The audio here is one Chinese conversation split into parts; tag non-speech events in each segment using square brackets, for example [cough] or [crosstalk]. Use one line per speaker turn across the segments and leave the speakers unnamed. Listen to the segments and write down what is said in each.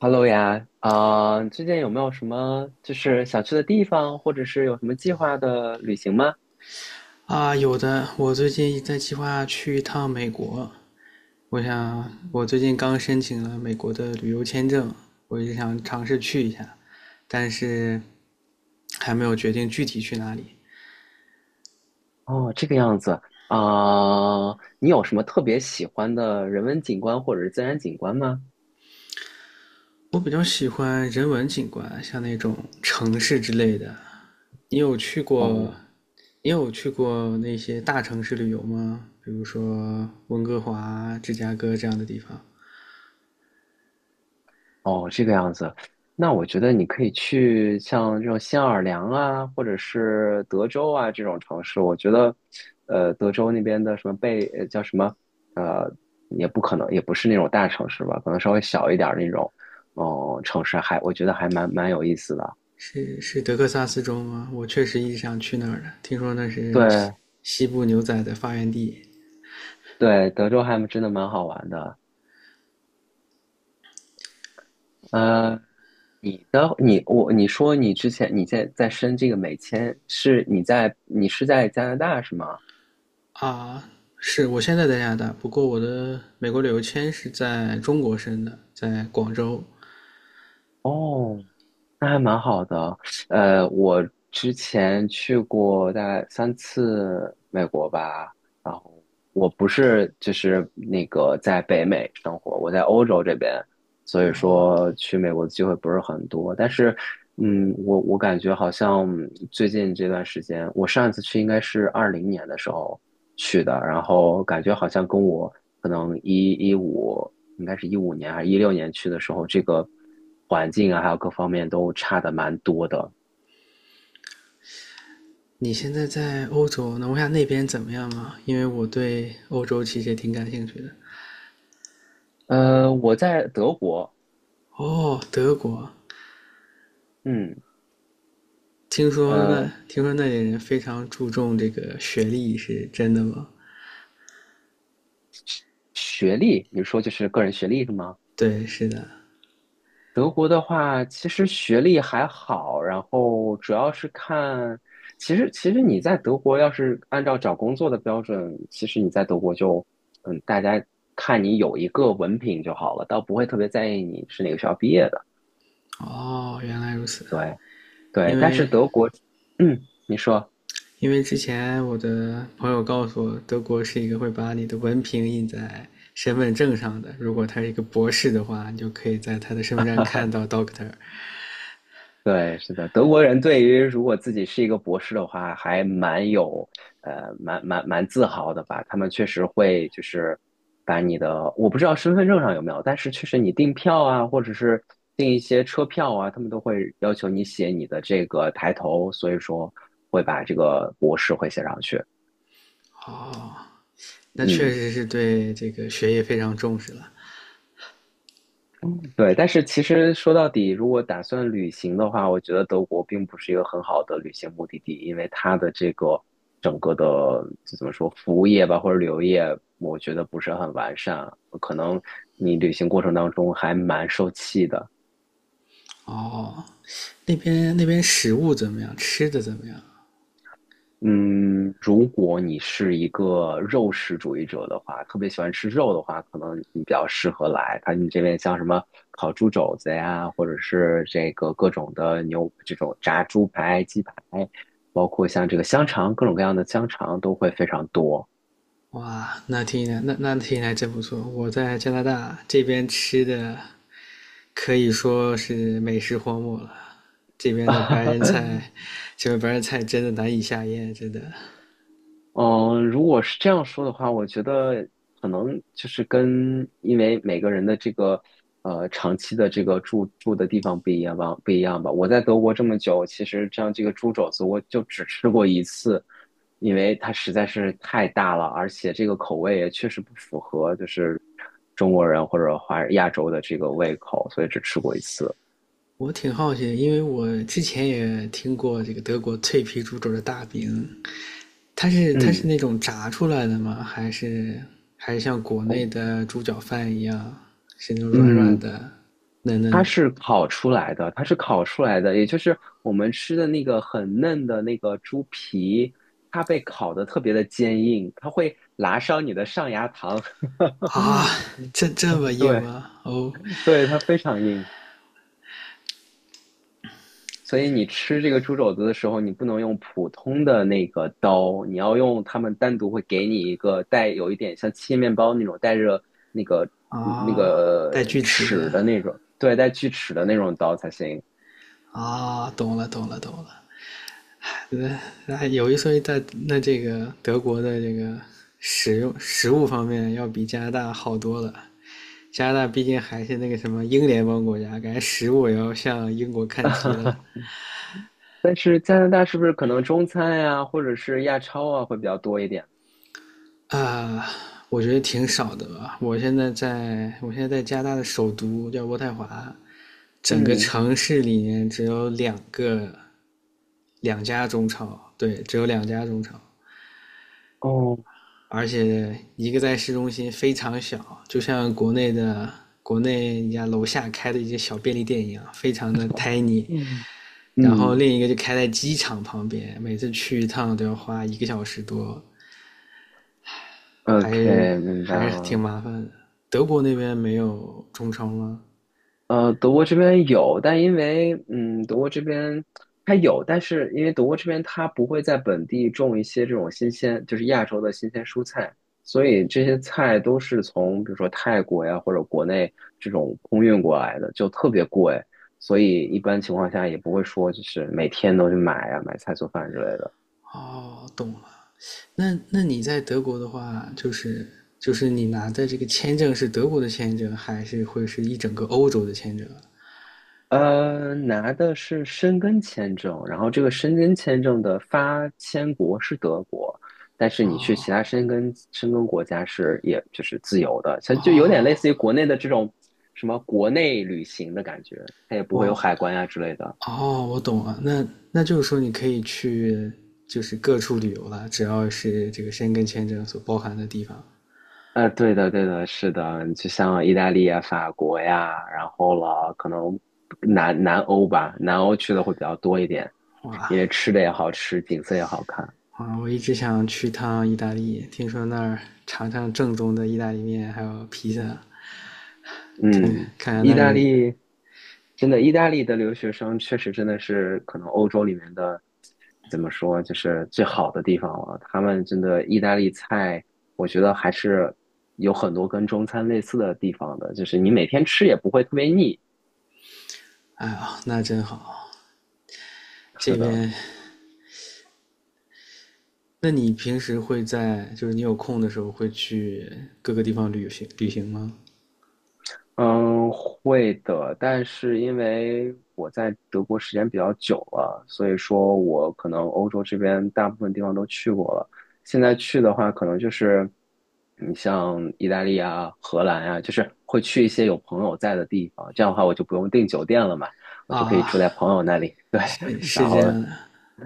Hello 呀，啊、最近有没有什么就是想去的地方，或者是有什么计划的旅行吗？
啊，有的，我最近在计划去一趟美国。我想，我最近刚申请了美国的旅游签证，我也想尝试去一下，但是还没有决定具体去哪里。
哦，这个样子。啊、你有什么特别喜欢的人文景观或者是自然景观吗？
我比较喜欢人文景观，像那种城市之类的。你有去过，
哦，
你有去过那些大城市旅游吗？比如说温哥华、芝加哥这样的地方。
哦，这个样子，那我觉得你可以去像这种新奥尔良啊，或者是德州啊这种城市。我觉得，德州那边的什么贝，叫什么，呃，也不可能，也不是那种大城市吧，可能稍微小一点儿那种，哦、城市还我觉得还蛮有意思的。
是德克萨斯州吗？我确实一直想去那儿的，听说那是西
对
西部牛仔的发源地
对，德州还真的蛮好玩的。呃，你说你之前在申这个美签，是你在你是在加拿大是吗？
啊。是我现在在加拿大，不过我的美国旅游签是在中国申的，在广州。
哦，那还蛮好的。我之前去过大概3次美国吧，然后我不是就是那个在北美生活，我在欧洲这边，所以说去美国的机会不是很多。但是，我感觉好像最近这段时间，我上一次去应该是2020年的时候去的，然后感觉好像跟我可能一一五应该是2015年还是2016年去的时候，这个环境啊，还有各方面都差的蛮多的。
你现在在欧洲，能问下那边怎么样吗？因为我对欧洲其实也挺感兴趣的。
我在德国，
哦，德国，
嗯，
听说
呃，
那听说那里人非常注重这个学历，是真的吗？
学历，你说就是个人学历是吗？
对，是的。
德国的话，其实学历还好，然后主要是看，其实你在德国要是按照找工作的标准，其实你在德国就，大家看你有一个文凭就好了，倒不会特别在意你是哪个学校毕业的。
哦，原来如此。
对，对，
因
但
为
是德国，你说，
因为之前我的朋友告诉我，德国是一个会把你的文凭印在身份证上的。如果他是一个博士的话，你就可以在他的身份证看到 Doctor。
对，是的，德国人对于如果自己是一个博士的话，还蛮有，蛮自豪的吧。他们确实会就是把你的，我不知道身份证上有没有，但是确实你订票啊，或者是订一些车票啊，他们都会要求你写你的这个抬头，所以说会把这个博士会写上去。
哦，那确
嗯。
实是对这个学业非常重视了。
嗯，对，但是其实说到底，如果打算旅行的话，我觉得德国并不是一个很好的旅行目的地，因为它的这个整个的就怎么说，服务业吧或者旅游业，我觉得不是很完善，可能你旅行过程当中还蛮受气的。
哦，那边食物怎么样？吃的怎么样？
嗯，如果你是一个肉食主义者的话，特别喜欢吃肉的话，可能你比较适合来。它你这边像什么烤猪肘子呀，或者是这个各种的牛，这种炸猪排、鸡排，包括像这个香肠，各种各样的香肠都会非常多。
哇，那听起来真不错。我在加拿大这边吃的可以说是美食荒漠了。这边的
[laughs]
白人菜，这边白人菜真的难以下咽，真的。
嗯，如果是这样说的话，我觉得可能就是跟因为每个人的这个长期的这个住的地方不一样吧，不一样吧。我在德国这么久，其实像这个猪肘子，我就只吃过一次，因为它实在是太大了，而且这个口味也确实不符合就是中国人或者华亚洲的这个胃口，所以只吃过一次。
我挺好奇因为我之前也听过这个德国脆皮猪肘的大饼，它是
嗯。
那种炸出来的吗？还是像国内
哦
的猪脚饭一样，是那种软软
嗯，
的、嫩
它
嫩的
是烤出来的，它是烤出来的，也就是我们吃的那个很嫩的那个猪皮，它被烤得特别的坚硬，它会拉伤你的上牙膛。
啊？
[laughs]
这这么硬
对
吗？哦
对，它非常硬，所以你吃这个猪肘子的时候，你不能用普通的那个刀，你要用他们单独会给你一个带有一点像切面包那种带着那个
啊，带锯齿
齿
的
的那种，对，带锯齿的那种刀才行。
啊，懂了懂了懂了。那那有一说一，在那这个德国的这个使用食物方面，要比加拿大好多了。加拿大毕竟还是那个什么英联邦国家，感觉食物也要向英国看齐了
[laughs] 但是加拿大是不是可能中餐呀、或者是亚超啊会比较多一点？
啊、我觉得挺少的吧。我现在在加拿大的首都叫渥太华，整个
嗯，
城市里面只有两家中超，对，只有两家中超。
哦，
而且一个在市中心非常小，就像国内人家楼下开的一些小便利店一样，非常的 tiny。
嗯
然后
嗯
另一个就开在机场旁边，每次去一趟都要花一个小时多，还是
，OK，明白
挺
了。
麻烦的。德国那边没有中超吗？
德国这边有，但因为德国这边它有，但是因为德国这边它不会在本地种一些这种新鲜，就是亚洲的新鲜蔬菜，所以这些菜都是从比如说泰国呀或者国内这种空运过来的，就特别贵，所以一般情况下也不会说就是每天都去买呀、买菜做饭之类的。
哦，懂了。那那你在德国的话，就是你拿的这个签证是德国的签证，还是会是一整个欧洲的签证？
拿的是申根签证，然后这个申根签证的发签国是德国，但是你去其他
哦
申根国家是也就是自由的，像就有点类似
哦，
于国内的这种什么国内旅行的感觉，它也不会有
我
海关呀之类的。
哦，我懂了，那那就是说你可以去就是各处旅游了，只要是这个申根签证所包含的地方。
对的，对的，是的，就像意大利呀、法国呀，然后了，可能南欧吧，南欧去的会比较多一点，
哇
因为吃的也好吃，景色也好看。
啊，我一直想去趟意大利，听说那儿尝尝正宗的意大利面，还有披萨，看看
嗯，
看
意
那
大
里，
利真的，意大利的留学生确实真的是可能欧洲里面的怎么说，就是最好的地方了。他们真的意大利菜，我觉得还是有很多跟中餐类似的地方的，就是你每天吃也不会特别腻。
哎呀，那真好。这
是的，
边，那你平时会在就是你有空的时候会去各个地方旅行旅行吗？
嗯，会的，但是因为我在德国时间比较久了，所以说我可能欧洲这边大部分地方都去过了。现在去的话，可能就是你像意大利啊、荷兰啊，就是会去一些有朋友在的地方。这样的话，我就不用订酒店了嘛，我就可以
啊，
住在朋友那里。[laughs] 对，
是是
然
这
后
样的，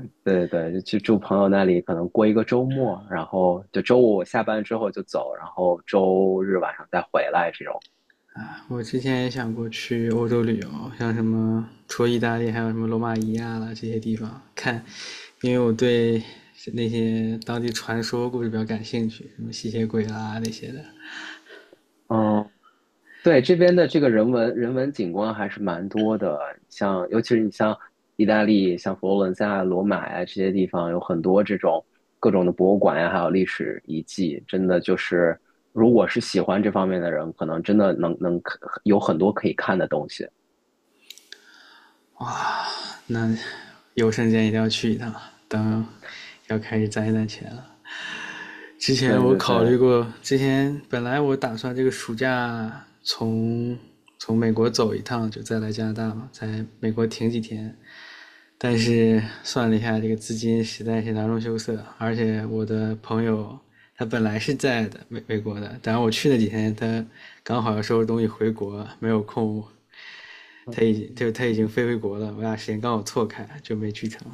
对对对，就去住朋友那里，可能过一个周末，然后就周五我下班之后就走，然后周日晚上再回来这种。
啊我之前也想过去欧洲旅游，像什么除了意大利，还有什么罗马尼亚啦这些地方看，因为我对那些当地传说故事比较感兴趣，什么吸血鬼啦那些的。
嗯，对，这边的这个人文景观还是蛮多的，像尤其是你像意大利，像佛罗伦萨啊罗马呀、这些地方，有很多这种各种的博物馆呀、还有历史遗迹，真的就是如果是喜欢这方面的人，可能真的能有很多可以看的东西。
那有时间一定要去一趟，等要开始攒一攒钱了。之前
对
我
对
考虑
对，
过，之前本来我打算这个暑假从美国走一趟，就再来加拿大嘛，在美国停几天，但是算了一下，这个资金实在是囊中羞涩，而且我的朋友他本来是在的美国的，但我去那几天他刚好要收拾东西回国，没有空，他已经飞回国了，我俩时间刚好错开，就没去成，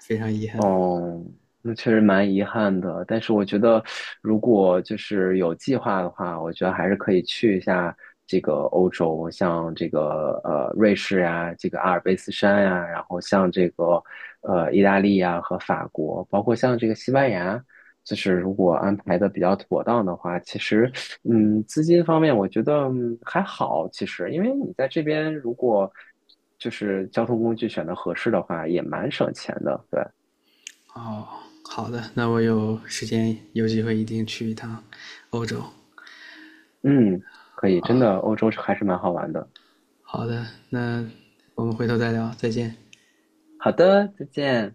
非常遗憾。
哦，那确实蛮遗憾的。但是我觉得，如果就是有计划的话，我觉得还是可以去一下这个欧洲，像这个瑞士呀、这个阿尔卑斯山呀、然后像这个意大利呀、和法国，包括像这个西班牙。就是如果安排的比较妥当的话，其实，资金方面我觉得还好，其实，因为你在这边如果就是交通工具选的合适的话，也蛮省钱的，对。
哦，好的，那我有时间有机会一定去一趟欧洲。
嗯，可以，真的，欧洲还是蛮好玩的。
好的，那我们回头再聊，再见。
好的，再见。